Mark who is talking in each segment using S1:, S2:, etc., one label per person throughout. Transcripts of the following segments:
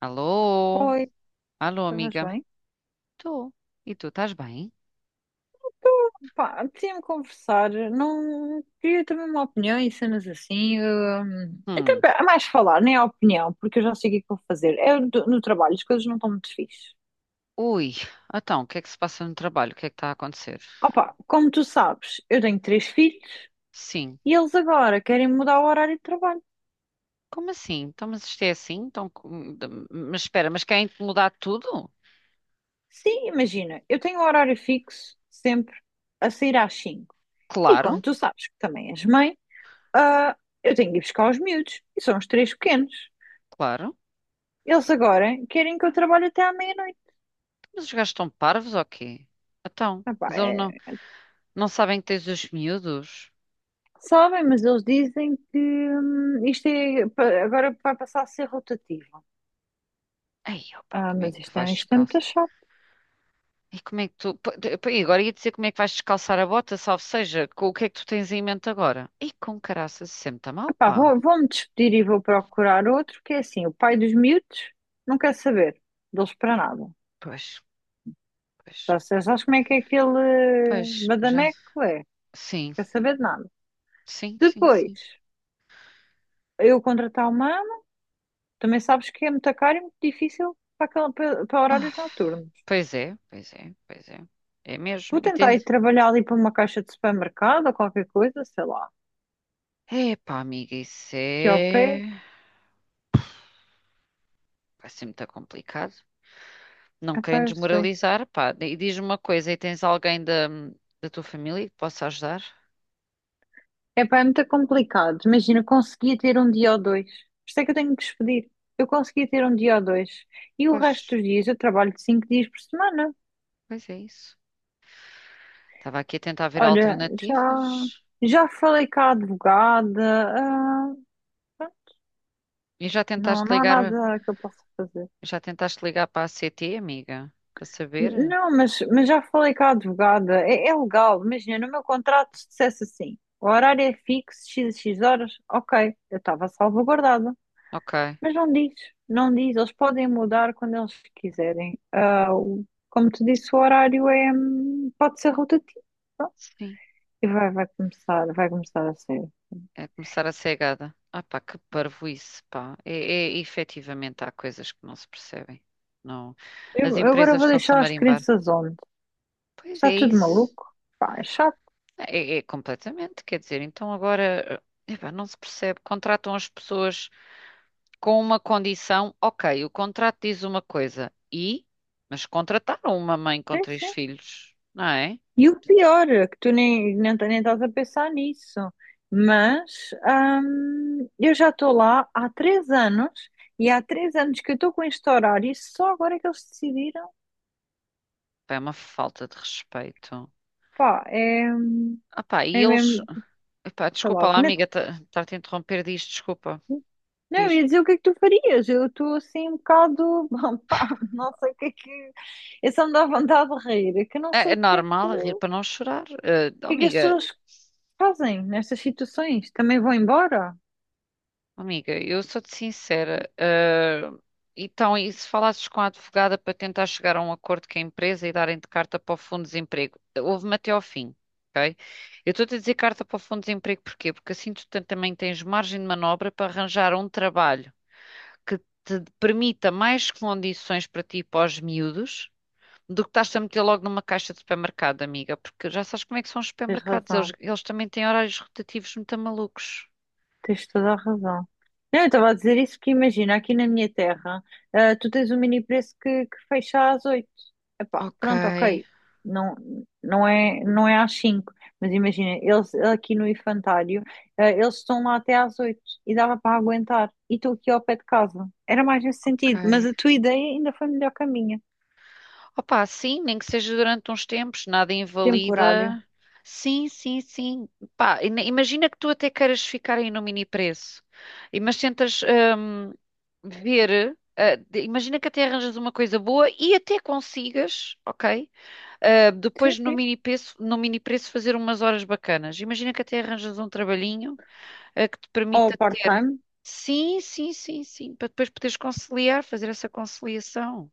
S1: Alô?
S2: Oi,
S1: Alô,
S2: estás
S1: amiga?
S2: bem?
S1: Tu? E tu, estás bem?
S2: Pá, apetecia-me conversar, não queria também uma opinião e cenas assim. Então,
S1: Hum.
S2: pá, é mais falar, nem a opinião, porque eu já sei o que é que vou fazer. É no trabalho, as coisas não estão muito fixe.
S1: Ui, então, o que é que se passa no trabalho? O que é que está a acontecer?
S2: Opa, como tu sabes, eu tenho três filhos
S1: Sim.
S2: e eles agora querem mudar o horário de trabalho.
S1: Como assim? Então, mas isto é assim? Então, mas espera, mas querem mudar tudo?
S2: Sim, imagina, eu tenho um horário fixo, sempre a sair às cinco. E
S1: Claro,
S2: como tu sabes que também és mãe, ah, eu tenho que ir buscar os miúdos, e são os três pequenos.
S1: claro.
S2: Eles agora querem que eu trabalhe até à meia-noite.
S1: Mas os gajos estão parvos ou quê? Então,
S2: Ah pá,
S1: mas eles não,
S2: é-
S1: não sabem que tens os miúdos?
S2: Sabem, mas eles dizem que agora vai passar a ser rotativo.
S1: Ei, opa,
S2: Ah,
S1: como é
S2: mas
S1: que tu vais
S2: isto é
S1: descalço?
S2: muito chato.
S1: E como é que tu... Pô, pô, e agora ia dizer como é que vais descalçar a bota, salvo seja, com o que é que tu tens em mente agora? E com caraças, isso sempre está
S2: Ah
S1: mal,
S2: pá,
S1: pá.
S2: vou-me despedir e vou procurar outro, que é assim, o pai dos miúdos não quer saber deles para nada.
S1: Pois, pois,
S2: Sabes como é que é aquele
S1: pois, já.
S2: badameco é? Não.
S1: Sim,
S2: Quer saber de nada.
S1: sim, sim,
S2: Depois,
S1: sim.
S2: eu contratar uma ama, também sabes que é muito caro e muito difícil para, para horários noturnos.
S1: Pois é, pois é, pois é. É mesmo.
S2: Vou
S1: E tem...
S2: tentar ir trabalhar ali para uma caixa de supermercado ou qualquer coisa, sei lá.
S1: Epá, amiga, isso
S2: Que ao pé,
S1: é. Vai ser muito complicado. Não querem
S2: epá, eu sei.
S1: desmoralizar, pá. E diz-me uma coisa, e tens alguém da tua família que possa ajudar?
S2: Epá, é muito complicado. Imagina, conseguia ter um dia ou dois. Isto é que eu tenho que despedir. Eu conseguia ter um dia ou dois. E o resto
S1: Pois,
S2: dos dias eu trabalho cinco dias por semana.
S1: pois é isso. Estava aqui a tentar ver
S2: Olha, já,
S1: alternativas.
S2: já falei com a advogada.
S1: E
S2: Não, não há nada que eu possa fazer.
S1: já tentaste ligar para a CT, amiga? Para saber?
S2: Não, mas já falei com a advogada, é legal, imagina, no meu contrato se dissesse assim, o horário é fixo, x horas, ok, eu estava salvaguardada,
S1: Ok.
S2: mas não diz, não diz, eles podem mudar quando eles quiserem. Como te disse, o horário pode ser rotativo, pronto,
S1: Sim.
S2: e vai começar a ser.
S1: É começar a ser gada. Ah pá, que parvoíce, pá. Efetivamente há coisas que não se percebem. Não. As
S2: Eu agora
S1: empresas
S2: vou
S1: estão-se a
S2: deixar as
S1: marimbar.
S2: crianças onde?
S1: Pois
S2: Está
S1: é
S2: tudo
S1: isso.
S2: maluco? Pá, é chato,
S1: É completamente, quer dizer, então agora, epá, não se percebe. Contratam as pessoas com uma condição, ok, o contrato diz uma coisa, e? Mas contrataram uma mãe com
S2: sim,
S1: três
S2: sim.
S1: filhos, não é?
S2: E o pior, é que tu nem estás a pensar nisso, mas eu já estou lá há três anos e há três anos que eu estou com este horário e só agora é que eles decidiram,
S1: Pá, é uma falta de respeito.
S2: pá,
S1: Ah pá,
S2: é mesmo,
S1: epá,
S2: sei lá,
S1: desculpa
S2: o
S1: lá,
S2: que não,
S1: amiga, estar-te a interromper disto, desculpa.
S2: não, eu
S1: Diz.
S2: ia dizer o que é que tu farias, eu estou assim um bocado, pá, não sei o que é que, eu só me dá vontade de rir, é que eu não
S1: É
S2: sei
S1: é
S2: o que é que,
S1: normal, rir
S2: o
S1: para não chorar. Eh,
S2: que é que as pessoas fazem nestas situações, também vão embora,
S1: oh, amiga, eu sou-te sincera. Então, e se falasses com a advogada para tentar chegar a um acordo com a empresa e darem de carta para o Fundo de Desemprego? Houve-me até ao fim, ok? Eu estou-te a dizer carta para o Fundo de Desemprego porquê? Porque assim tu também tens margem de manobra para arranjar um trabalho que te permita mais condições para ti e para os miúdos do que estás a meter logo numa caixa de supermercado, amiga, porque já sabes como é que são os
S2: tens
S1: supermercados, eles,
S2: razão.
S1: eles também têm horários rotativos muito malucos.
S2: Tens toda a razão. Não, eu estava a dizer isso porque imagina, aqui na minha terra, ah, tu tens um mini preço que fecha às 8. Epá,
S1: Ok,
S2: pronto, ok. Não, não é, não é às 5, mas imagina, eles aqui no infantário, ah, eles estão lá até às 8 e dava para aguentar. E estou aqui ao pé de casa. Era mais nesse
S1: ok.
S2: sentido, mas a tua ideia ainda foi melhor que a minha.
S1: Opa, sim, nem que seja durante uns tempos, nada
S2: Temporário.
S1: invalida. Sim, sim, sim. Pá, imagina que tu até queiras ficar aí no mini preço, e mas tentas ver, imagina que até arranjas uma coisa boa e até consigas, ok? Ah,
S2: Sim,
S1: depois
S2: sim.
S1: no mini preço fazer umas horas bacanas. Imagina que até arranjas um trabalhinho, que te
S2: Ou
S1: permita ter.
S2: part-time,
S1: Sim, sim, sim, sim, para depois poderes conciliar, fazer essa conciliação,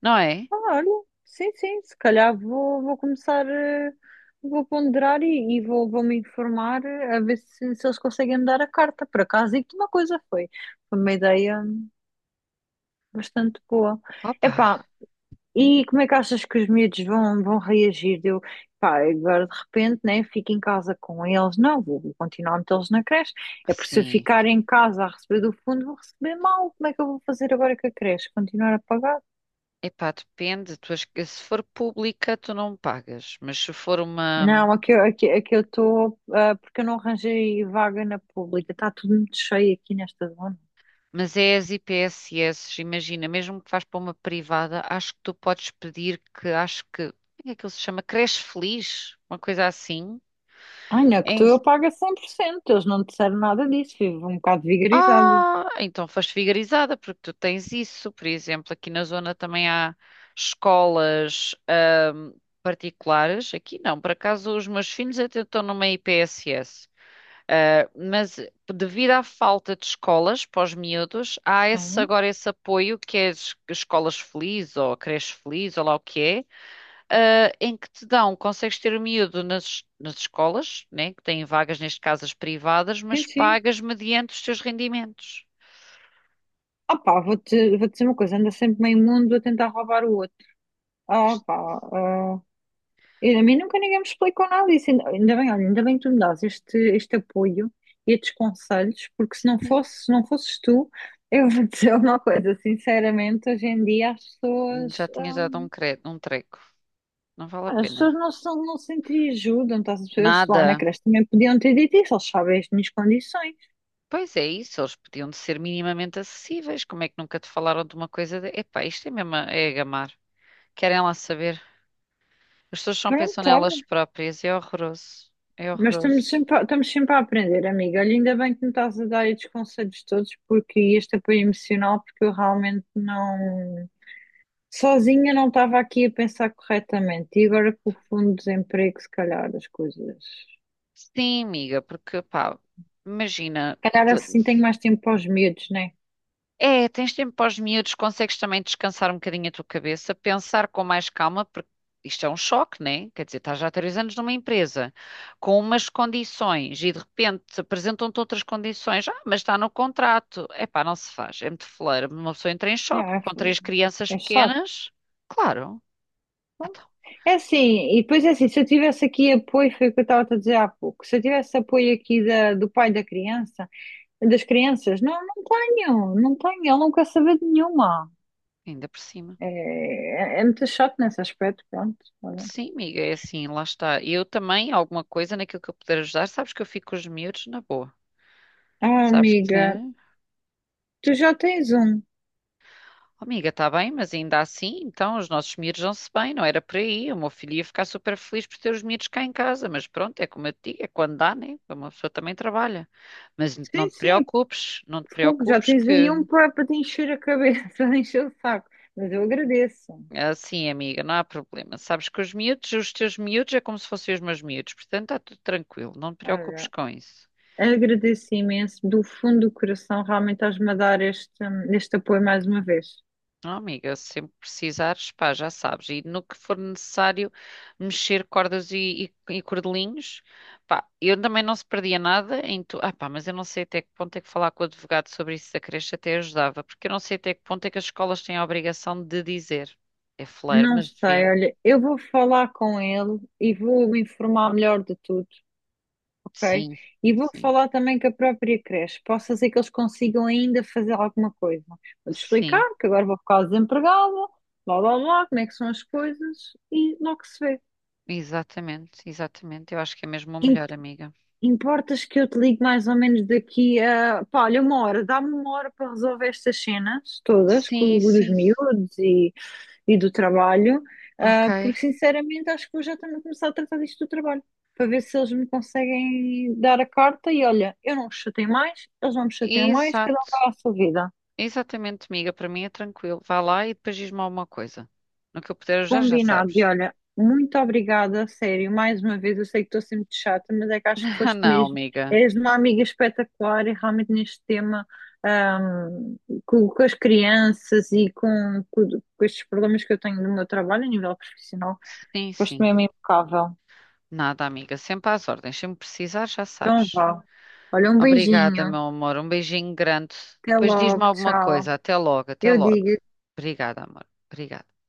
S1: não é?
S2: ah, olha, sim, sim, se calhar vou começar, vou ponderar e vou me informar a ver se, se eles conseguem me dar a carta. Por acaso, e que uma coisa foi, foi uma ideia bastante boa.
S1: Opa,
S2: Epá, e como é que achas que os miúdos vão reagir? Eu, pá, agora de repente, né, fico em casa com eles. Não, vou continuar a metê-los na creche. É porque se eu
S1: sim.
S2: ficar em casa a receber do fundo, vou receber mal. Como é que eu vou fazer agora com a creche? Continuar a pagar?
S1: Epá, depende. Tu, se for pública, tu não pagas. Mas se for uma.
S2: Não, aqui eu estou, porque eu não arranjei vaga na pública. Está tudo muito cheio aqui nesta zona.
S1: Mas é as IPSS, imagina, mesmo que vás para uma privada, acho que tu podes pedir que. Acho que. Como é que ele se chama? Creche Feliz? Uma coisa assim.
S2: Ai, não, é que tu eu pago a cem por cento. Eles não disseram nada disso. Vivo um bocado vigarizada.
S1: Ah, então foste vigarizada, porque tu tens isso. Por exemplo, aqui na zona também há escolas particulares. Aqui não, por acaso os meus filhos até estão numa IPSS. Ah, mas devido à falta de escolas para os miúdos, há esse,
S2: Sim,
S1: agora esse apoio que é escolas felizes ou creche feliz ou lá o que é, em que te dão, consegues ter o miúdo nas escolas, né, que têm vagas, neste caso as privadas,
S2: sim,
S1: mas
S2: sim.
S1: pagas mediante os teus rendimentos.
S2: Ah pá, vou dizer uma coisa. Anda sempre meio mundo a tentar roubar o outro.
S1: Pois,
S2: Ah pá, A mim nunca ninguém me explicou nada disso. Ainda bem, olha, ainda bem que tu me dás este, este apoio e estes conselhos, porque se não
S1: ai,
S2: fosse, se não fosses tu, eu vou dizer uma coisa, sinceramente, hoje em dia as pessoas,
S1: já tinhas dado um treco. Não vale a
S2: as
S1: pena.
S2: pessoas não se entreajudam, estás a perceber? Eles lá na
S1: Nada.
S2: creche também podiam ter dito isso, eles sabem as minhas condições.
S1: Pois é isso, eles podiam de ser minimamente acessíveis. Como é que nunca te falaram de uma coisa de... Epá, isto é mesmo a... é a gamar. Querem lá saber. As pessoas só pensam
S2: Pronto, olha,
S1: nelas próprias. É horroroso. É
S2: mas estamos
S1: horroroso.
S2: sempre, estamos sempre a aprender, amiga. Olha, ainda bem que me estás a dar estes conselhos todos, porque e este apoio emocional, porque eu realmente não. Sozinha não estava aqui a pensar corretamente. E agora com o fundo de desemprego, se calhar as coisas. Se
S1: Sim, amiga, porque, pá, imagina.
S2: calhar assim tenho mais tempo para os medos, né?
S1: É, tens tempo para os miúdos, consegues também descansar um bocadinho a tua cabeça, pensar com mais calma, porque isto é um choque, né? Quer dizer, estás já há 3 anos numa empresa com umas condições e de repente apresentam-te outras condições. Ah, mas está no contrato. Epá, não se faz. É muito feleira. Uma pessoa entra em
S2: É,
S1: choque com três
S2: é
S1: crianças
S2: É chato.
S1: pequenas. Claro. Então,
S2: É assim, e depois é assim, se eu tivesse aqui apoio, foi o que eu estava a dizer há pouco, se eu tivesse apoio aqui da, do pai da criança, das crianças, não, não tenho, não tenho, ele não quer saber de nenhuma.
S1: ainda por cima.
S2: É, é muito chato nesse aspecto, pronto. Olha.
S1: Sim, amiga, é assim, lá está. Eu também, alguma coisa naquilo que eu puder ajudar, sabes que eu fico com os miúdos na boa.
S2: Ah,
S1: Sabes
S2: amiga,
S1: que.
S2: tu já tens um.
S1: Amiga, está bem, mas ainda assim, então, os nossos miúdos vão-se bem, não era por aí. O meu filho ia ficar super feliz por ter os miúdos cá em casa, mas pronto, é como eu te digo, é quando dá, né? Uma pessoa também trabalha. Mas não
S2: Sim,
S1: te
S2: sim,
S1: preocupes, não te
S2: fogo, já
S1: preocupes
S2: tens aí
S1: que,
S2: um para te encher a cabeça, para encher o saco. Mas eu agradeço.
S1: assim, amiga, não há problema. Sabes que os miúdos, os teus miúdos é como se fossem os meus miúdos, portanto, está tudo tranquilo, não te preocupes
S2: Olha,
S1: com isso.
S2: agradeço imenso do fundo do coração. Realmente estás-me a dar este, este apoio mais uma vez.
S1: Ah, amiga, sempre precisares, pá, já sabes. E no que for necessário mexer cordas e cordelinhos, pá, eu também não se perdia nada em tu. Ah, pá, mas eu não sei até que ponto é que falar com o advogado sobre isso da creche até ajudava, porque eu não sei até que ponto é que as escolas têm a obrigação de dizer. É fleiro,
S2: Não
S1: mas deviam.
S2: sei, olha, eu vou falar com ele e vou me informar melhor de tudo, ok?
S1: Sim,
S2: E vou
S1: sim,
S2: falar também com a própria creche. Possa ser que eles consigam ainda fazer alguma coisa. Vou-te explicar
S1: sim,
S2: que agora vou ficar desempregada, blá blá blá, como é que são as coisas e logo se vê.
S1: exatamente, exatamente. Eu acho que é mesmo o melhor, amiga.
S2: Importas que eu te ligue mais ou menos daqui a, pá, olha, uma hora, dá-me uma hora para resolver estas cenas todas, com
S1: Sim,
S2: os
S1: sim,
S2: miúdos e do trabalho,
S1: ok.
S2: porque sinceramente acho que vou já também começar a tratar disto do trabalho, para ver se eles me conseguem dar a carta e olha, eu não os chateio mais, eles não me chateiam mais, cada um
S1: Exato.
S2: vai à sua vida.
S1: Exatamente, amiga, para mim é tranquilo. Vá lá e depois diz-me alguma coisa. No que eu puder ajudar, já
S2: Combinado. E
S1: sabes.
S2: olha, muito obrigada, a sério. Mais uma vez, eu sei que estou sempre de chata, mas é que acho que
S1: Ah,
S2: foste
S1: não,
S2: mesmo.
S1: amiga.
S2: És uma amiga espetacular e realmente neste tema, ahm, com as crianças com, com estes problemas que eu tenho no meu trabalho a nível profissional,
S1: Sim,
S2: foste
S1: sim.
S2: mesmo impecável.
S1: Nada, amiga. Sempre às ordens. Sempre precisar, já
S2: Então
S1: sabes.
S2: vá. Olha, um
S1: Obrigada,
S2: beijinho.
S1: meu amor. Um beijinho grande.
S2: Até
S1: Depois diz-me
S2: logo.
S1: alguma
S2: Tchau.
S1: coisa. Até logo, até
S2: Eu
S1: logo.
S2: digo.
S1: Obrigada, amor. Obrigada.